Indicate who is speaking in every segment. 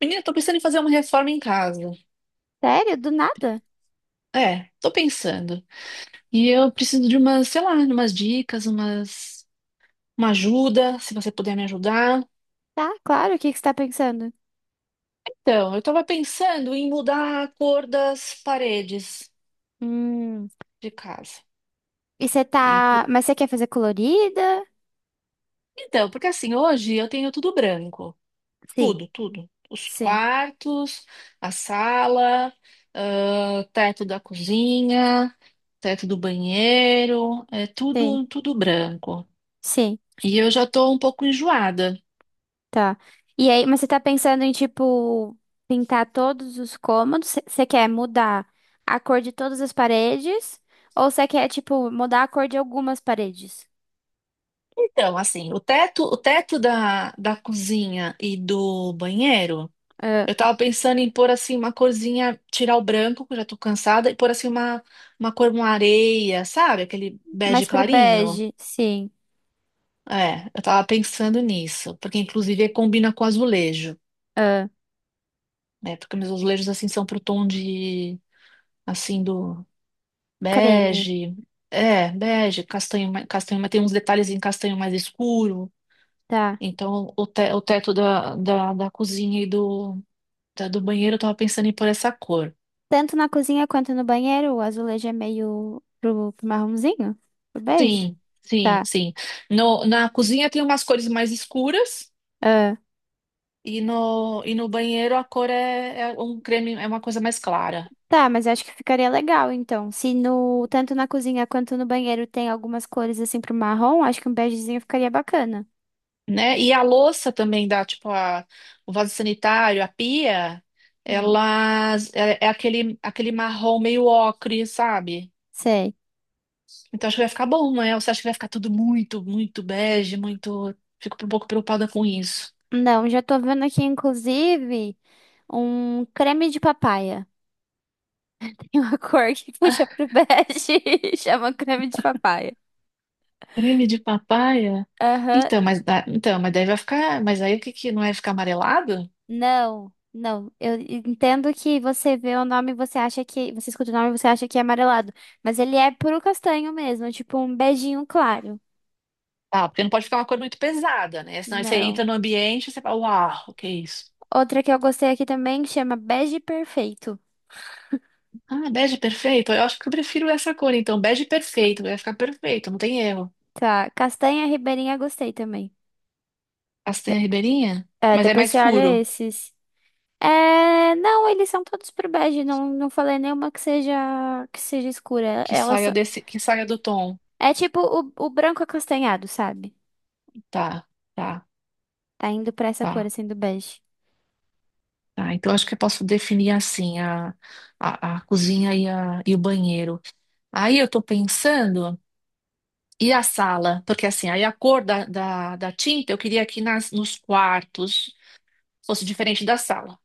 Speaker 1: Menina, tô pensando em fazer uma reforma em casa.
Speaker 2: Sério? Do nada?
Speaker 1: É, tô pensando. E eu preciso de umas, sei lá, umas dicas, uma ajuda, se você puder me ajudar.
Speaker 2: Tá, claro. O que que você tá pensando?
Speaker 1: Então, eu tava pensando em mudar a cor das paredes
Speaker 2: Hum.
Speaker 1: de casa.
Speaker 2: E você
Speaker 1: E por-
Speaker 2: tá. Mas você quer fazer colorida?
Speaker 1: Então, porque assim, hoje eu tenho tudo branco.
Speaker 2: Sim,
Speaker 1: Tudo, tudo. Os
Speaker 2: sim,
Speaker 1: quartos, a sala, ah, teto da cozinha, teto do banheiro, é
Speaker 2: sim,
Speaker 1: tudo, tudo branco.
Speaker 2: sim.
Speaker 1: E eu já estou um pouco enjoada.
Speaker 2: Tá. E aí, mas você tá pensando em, tipo, pintar todos os cômodos? Você quer mudar a cor de todas as paredes? Ou você quer, tipo, mudar a cor de algumas paredes?
Speaker 1: Então, assim, o teto da cozinha e do banheiro,
Speaker 2: Ah,
Speaker 1: eu tava pensando em pôr assim uma corzinha, tirar o branco, que eu já tô cansada, e pôr assim uma cor, uma areia, sabe? Aquele bege
Speaker 2: mais pro
Speaker 1: clarinho.
Speaker 2: bege? Sim.
Speaker 1: É, eu tava pensando nisso, porque inclusive combina com azulejo,
Speaker 2: Ah,
Speaker 1: né? Porque meus azulejos assim são pro tom de assim do
Speaker 2: creme.
Speaker 1: bege. É, bege, castanho, castanho, mas tem uns detalhes em castanho mais escuro.
Speaker 2: Tá.
Speaker 1: Então, o teto da cozinha e do banheiro eu tava pensando em pôr essa cor.
Speaker 2: Tanto na cozinha quanto no banheiro, o azulejo é meio pro, pro marronzinho? Pro bege?
Speaker 1: Sim, sim,
Speaker 2: Tá.
Speaker 1: sim. No, Na cozinha tem umas cores mais escuras
Speaker 2: Ah,
Speaker 1: e no banheiro a cor é um creme, é uma coisa mais clara,
Speaker 2: tá, mas acho que ficaria legal, então. Se no, tanto na cozinha quanto no banheiro tem algumas cores assim pro marrom, acho que um begezinho ficaria bacana.
Speaker 1: né? E a louça também dá, tipo, o vaso sanitário, a pia,
Speaker 2: Hum,
Speaker 1: ela é aquele marrom meio ocre, sabe?
Speaker 2: sei.
Speaker 1: Então acho que vai ficar bom, né? Você acha que vai ficar tudo muito, muito bege, muito. Fico um pouco preocupada com isso.
Speaker 2: Não, já tô vendo aqui, inclusive, um creme de papaya. Tem uma cor que puxa pro bege e chama creme de papaya.
Speaker 1: Creme de papaya?
Speaker 2: Aham.
Speaker 1: Então, mas daí vai ficar. Mas aí o que que não é ficar amarelado?
Speaker 2: Não, não. Eu entendo que você vê o nome, e você acha que. Você escuta o nome, e você acha que é amarelado. Mas ele é puro castanho mesmo, tipo um beijinho claro.
Speaker 1: Ah, porque não pode ficar uma cor muito pesada, né? Senão você
Speaker 2: Não.
Speaker 1: entra no ambiente e você fala, uau, o que é isso?
Speaker 2: Outra que eu gostei aqui também chama Bege Perfeito.
Speaker 1: Ah, bege perfeito? Eu acho que eu prefiro essa cor, então. Bege perfeito, vai ficar perfeito, não tem erro.
Speaker 2: Tá. Castanha Ribeirinha gostei também. De-
Speaker 1: Castanha ribeirinha?
Speaker 2: é,
Speaker 1: Mas é
Speaker 2: depois
Speaker 1: mais
Speaker 2: você olha
Speaker 1: escuro,
Speaker 2: esses. É, não, eles são todos pro bege. Não, não falei nenhuma que seja escura.
Speaker 1: que
Speaker 2: Elas
Speaker 1: saia
Speaker 2: são-
Speaker 1: desse, que saia do tom.
Speaker 2: é tipo o branco acastanhado, sabe?
Speaker 1: Tá, tá,
Speaker 2: Tá indo pra essa cor
Speaker 1: tá,
Speaker 2: assim do bege.
Speaker 1: tá. Então acho que eu posso definir assim a, a cozinha e, e o banheiro. Aí eu tô pensando. E a sala, porque assim, aí a cor da tinta eu queria que nos quartos fosse diferente da sala.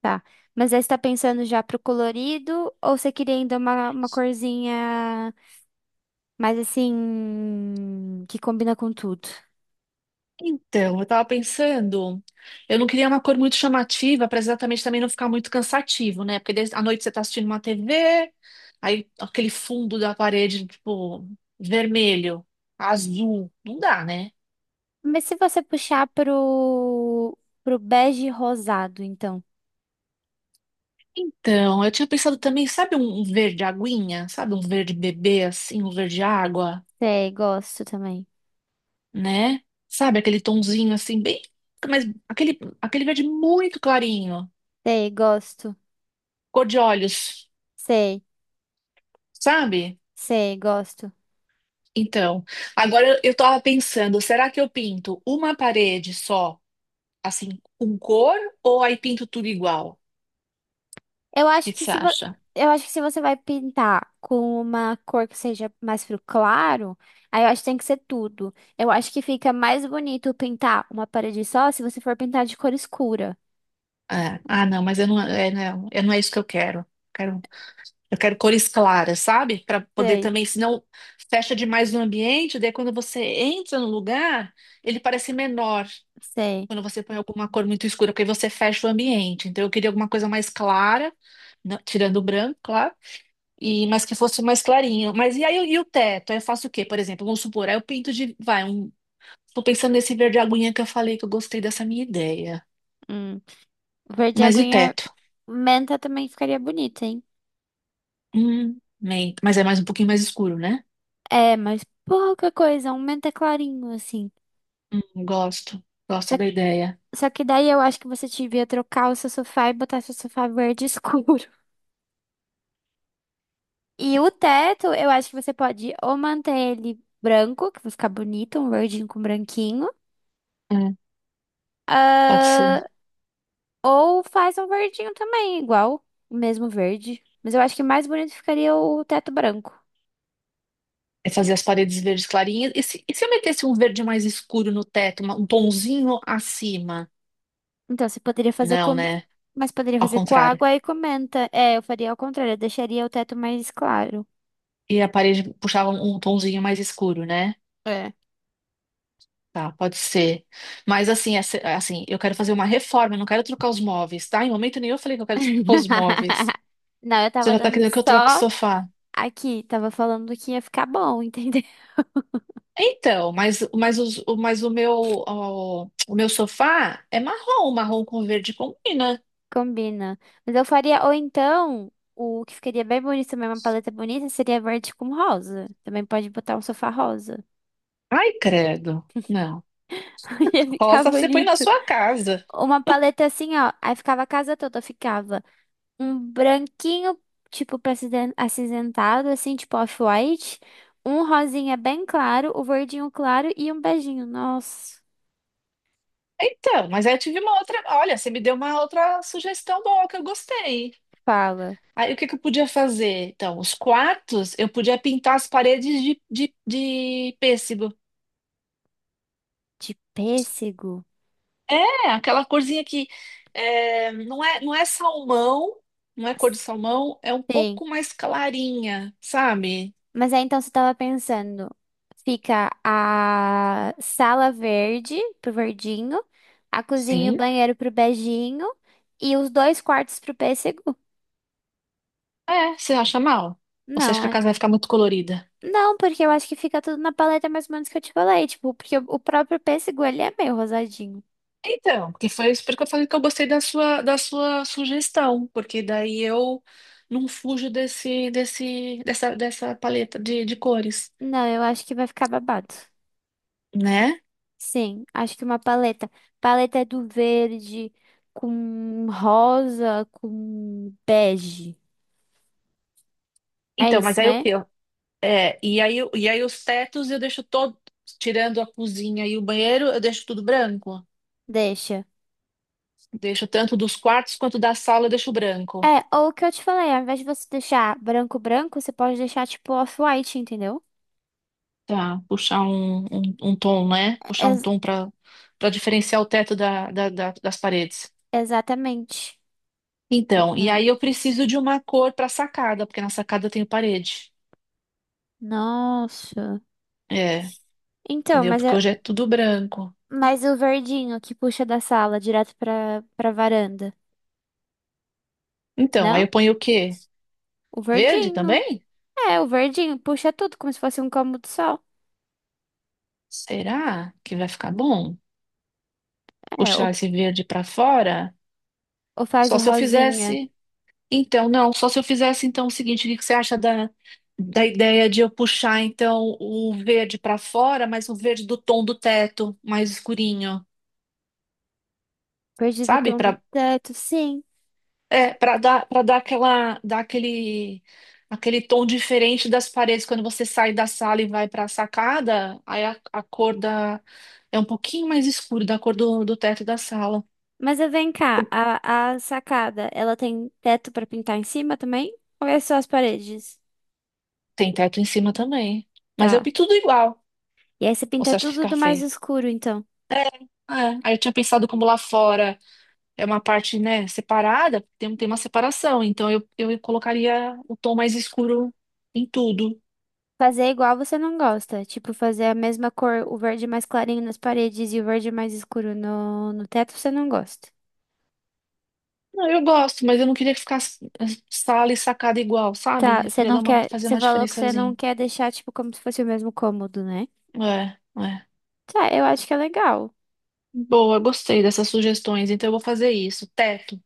Speaker 2: Tá. Mas aí você tá pensando já pro colorido ou você queria ainda uma corzinha mais assim que combina com tudo?
Speaker 1: Então, eu tava pensando, eu não queria uma cor muito chamativa para exatamente também não ficar muito cansativo, né? Porque à noite você tá assistindo uma TV, aí aquele fundo da parede, tipo, vermelho, azul, não dá, né?
Speaker 2: Mas se você puxar pro, pro bege rosado, então.
Speaker 1: Então, eu tinha pensado também, sabe um verde aguinha? Sabe um verde bebê, assim, um verde água?
Speaker 2: Sei, gosto também.
Speaker 1: Né? Sabe aquele tonzinho assim, bem. Mas aquele, aquele verde muito clarinho,
Speaker 2: Sei, gosto.
Speaker 1: cor de olhos,
Speaker 2: Sei,
Speaker 1: sabe?
Speaker 2: sei, gosto.
Speaker 1: Então, agora eu tava pensando, será que eu pinto uma parede só, assim, com cor, ou aí pinto tudo igual? O
Speaker 2: Eu acho
Speaker 1: que que
Speaker 2: que
Speaker 1: você
Speaker 2: se vo-
Speaker 1: acha?
Speaker 2: eu acho que se você vai pintar com uma cor que seja mais pro claro, aí eu acho que tem que ser tudo. Eu acho que fica mais bonito pintar uma parede só se você for pintar de cor escura.
Speaker 1: É, ah, não, mas eu não, é, não, não é isso que eu quero. Quero, eu quero cores claras, sabe? Para poder
Speaker 2: Sei,
Speaker 1: também, senão fecha demais no ambiente, daí quando você entra no lugar, ele parece menor.
Speaker 2: sei.
Speaker 1: Quando você põe alguma cor muito escura, porque você fecha o ambiente. Então eu queria alguma coisa mais clara, não- tirando o branco, claro, e mas que fosse mais clarinho. Mas e aí e o teto? Aí eu faço o quê? Por exemplo, vamos supor, aí eu pinto de, vai, um, tô pensando nesse verde aguinha que eu falei que eu gostei dessa minha ideia.
Speaker 2: Hum. Verde
Speaker 1: Mas e o
Speaker 2: aguinha,
Speaker 1: teto?
Speaker 2: menta também ficaria bonito, hein?
Speaker 1: Bem, mas é mais um pouquinho mais escuro, né?
Speaker 2: É, mas pouca coisa, um menta clarinho assim.
Speaker 1: Gosto, gosto
Speaker 2: Só,
Speaker 1: da ideia.
Speaker 2: só que daí eu acho que você devia trocar o seu sofá e botar seu sofá verde escuro. E o teto, eu acho que você pode ou manter ele branco, que vai ficar bonito, um verdinho com branquinho.
Speaker 1: Hum, pode
Speaker 2: Ah,
Speaker 1: ser.
Speaker 2: ou faz um verdinho também, igual, o mesmo verde. Mas eu acho que mais bonito ficaria o teto branco.
Speaker 1: É fazer as paredes verdes clarinhas. E se eu metesse um verde mais escuro no teto, um tonzinho acima?
Speaker 2: Então, você poderia fazer
Speaker 1: Não,
Speaker 2: com...
Speaker 1: né?
Speaker 2: Mas poderia
Speaker 1: Ao
Speaker 2: fazer com
Speaker 1: contrário.
Speaker 2: água e comenta. É, eu faria ao contrário, eu deixaria o teto mais claro.
Speaker 1: E a parede puxava um tonzinho mais escuro, né?
Speaker 2: É.
Speaker 1: Tá, pode ser. Mas assim, assim, eu quero fazer uma reforma, eu não quero trocar os móveis, tá? Em momento nenhum eu falei que eu quero trocar os móveis.
Speaker 2: Não, eu
Speaker 1: Você
Speaker 2: tava
Speaker 1: já tá
Speaker 2: dando
Speaker 1: querendo que eu troque o
Speaker 2: só
Speaker 1: sofá?
Speaker 2: aqui, tava falando que ia ficar bom, entendeu?
Speaker 1: Então, mas, mas o meu, ó, meu sofá é marrom, marrom com verde combina.
Speaker 2: Combina. Mas eu faria, ou então, o que ficaria bem bonito também, uma paleta bonita, seria verde com rosa. Também pode botar um sofá rosa.
Speaker 1: Ai, credo. Não.
Speaker 2: Ia ficar
Speaker 1: Rosa você põe na
Speaker 2: bonito.
Speaker 1: sua casa.
Speaker 2: Uma paleta assim, ó. Aí ficava a casa toda, ficava um branquinho, tipo, pra aciden- acinzentado, assim, tipo off-white. Um rosinha bem claro, o verdinho claro e um beijinho. Nossa,
Speaker 1: Então, mas aí eu tive uma outra. Olha, você me deu uma outra sugestão boa que eu gostei.
Speaker 2: fala.
Speaker 1: Aí o que que eu podia fazer? Então, os quartos eu podia pintar as paredes de pêssego.
Speaker 2: De pêssego?
Speaker 1: É, aquela corzinha que não é, não é salmão, não é cor de salmão, é um
Speaker 2: Sim.
Speaker 1: pouco mais clarinha, sabe?
Speaker 2: Mas aí então você tava pensando, fica a sala verde pro verdinho, a cozinha e o
Speaker 1: Sim.
Speaker 2: banheiro pro beijinho e os dois quartos pro pêssego?
Speaker 1: É, você acha mal? Ou você acha
Speaker 2: Não,
Speaker 1: que a
Speaker 2: é-
Speaker 1: casa vai ficar muito colorida?
Speaker 2: não, porque eu acho que fica tudo na paleta mais ou menos que eu te falei, tipo, porque o próprio pêssego ele é meio rosadinho.
Speaker 1: Então, porque foi isso porque eu falei que eu gostei da sua sugestão, porque daí eu não fujo dessa paleta de cores,
Speaker 2: Não, eu acho que vai ficar babado.
Speaker 1: né?
Speaker 2: Sim, acho que uma paleta. Paleta é do verde com rosa, com bege. É
Speaker 1: Então,
Speaker 2: isso,
Speaker 1: mas aí o
Speaker 2: né?
Speaker 1: quê? É, e aí, e aí os tetos eu deixo todo, tirando a cozinha e o banheiro, eu deixo tudo branco.
Speaker 2: Deixa.
Speaker 1: Deixo tanto dos quartos quanto da sala, eu deixo branco.
Speaker 2: É, ou o que eu te falei, ao invés de você deixar branco branco, você pode deixar tipo off-white, entendeu?
Speaker 1: Tá, puxar um tom, né? Puxar um
Speaker 2: Ex-
Speaker 1: tom para diferenciar o teto das paredes.
Speaker 2: exatamente.
Speaker 1: Então, e aí
Speaker 2: Exatamente.
Speaker 1: eu preciso de uma cor para sacada, porque na sacada eu tenho parede.
Speaker 2: Nossa.
Speaker 1: É,
Speaker 2: Então,
Speaker 1: entendeu?
Speaker 2: mas
Speaker 1: Porque
Speaker 2: eu,
Speaker 1: hoje é tudo branco.
Speaker 2: mas o verdinho que puxa da sala direto pra, pra varanda.
Speaker 1: Então, aí
Speaker 2: Não?
Speaker 1: eu ponho o quê?
Speaker 2: O
Speaker 1: Verde
Speaker 2: verdinho.
Speaker 1: também?
Speaker 2: É, o verdinho puxa tudo como se fosse um cômodo só.
Speaker 1: Será que vai ficar bom?
Speaker 2: É,
Speaker 1: Puxar esse verde para fora?
Speaker 2: ou faz
Speaker 1: Só
Speaker 2: o
Speaker 1: se eu
Speaker 2: rosinha.
Speaker 1: fizesse. Então, não, só se eu fizesse então o seguinte, o que que você acha da ideia de eu puxar então o verde para fora, mas o verde do tom do teto, mais escurinho,
Speaker 2: Perdido o
Speaker 1: sabe?
Speaker 2: tom do
Speaker 1: Para
Speaker 2: teto, sim.
Speaker 1: para dar, para dar aquela, dar aquele tom diferente das paredes quando você sai da sala e vai para a sacada, aí a cor da é um pouquinho mais escuro da cor do teto da sala.
Speaker 2: Mas eu vem cá, a sacada, ela tem teto pra pintar em cima também? Ou é só as paredes?
Speaker 1: Tem teto em cima também, mas eu
Speaker 2: Tá.
Speaker 1: pinto tudo igual.
Speaker 2: E aí você
Speaker 1: Ou você
Speaker 2: pinta
Speaker 1: acha que
Speaker 2: tudo
Speaker 1: fica
Speaker 2: do mais
Speaker 1: feio?
Speaker 2: escuro, então.
Speaker 1: É, é. Aí eu tinha pensado como lá fora é uma parte, né, separada, tem uma separação, então eu colocaria o tom mais escuro em tudo.
Speaker 2: Fazer é igual você não gosta. Tipo, fazer a mesma cor, o verde mais clarinho nas paredes e o verde mais escuro no, no teto, você não gosta.
Speaker 1: Não, eu gosto, mas eu não queria que ficasse sala e sacada igual,
Speaker 2: Tá,
Speaker 1: sabe? Eu
Speaker 2: você
Speaker 1: queria
Speaker 2: não quer.
Speaker 1: fazer
Speaker 2: Você
Speaker 1: uma
Speaker 2: falou que você não
Speaker 1: diferençazinha.
Speaker 2: quer deixar, tipo, como se fosse o mesmo cômodo, né?
Speaker 1: É, é.
Speaker 2: Tá, eu acho que é legal.
Speaker 1: Boa, gostei dessas sugestões, então eu vou fazer isso. Teto,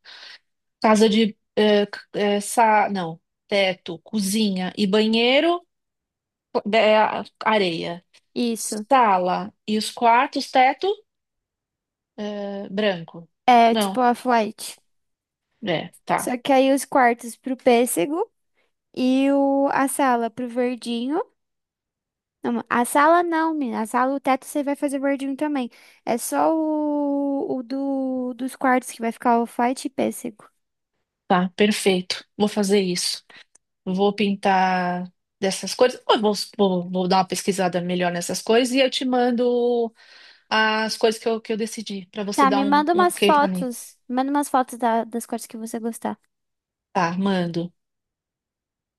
Speaker 1: casa de, é, c- é, sa, não, teto, cozinha e banheiro, é, areia.
Speaker 2: Isso.
Speaker 1: Sala e os quartos, teto. Ah, branco.
Speaker 2: É tipo
Speaker 1: Não,
Speaker 2: a flight.
Speaker 1: é, tá,
Speaker 2: Só que aí os quartos pro pêssego e o, a sala pro verdinho. Não, a sala não, menina. A sala, o teto você vai fazer verdinho também. É só o do, dos quartos que vai ficar o white e pêssego.
Speaker 1: tá, perfeito. Vou fazer isso. Vou pintar dessas cores. Eu vou dar uma pesquisada melhor nessas cores e eu te mando as cores que eu decidi, para você
Speaker 2: Tá,
Speaker 1: dar
Speaker 2: me
Speaker 1: um,
Speaker 2: manda
Speaker 1: um
Speaker 2: umas
Speaker 1: ok para mim.
Speaker 2: fotos. Manda umas fotos da- das cores que você gostar.
Speaker 1: Tá, mando.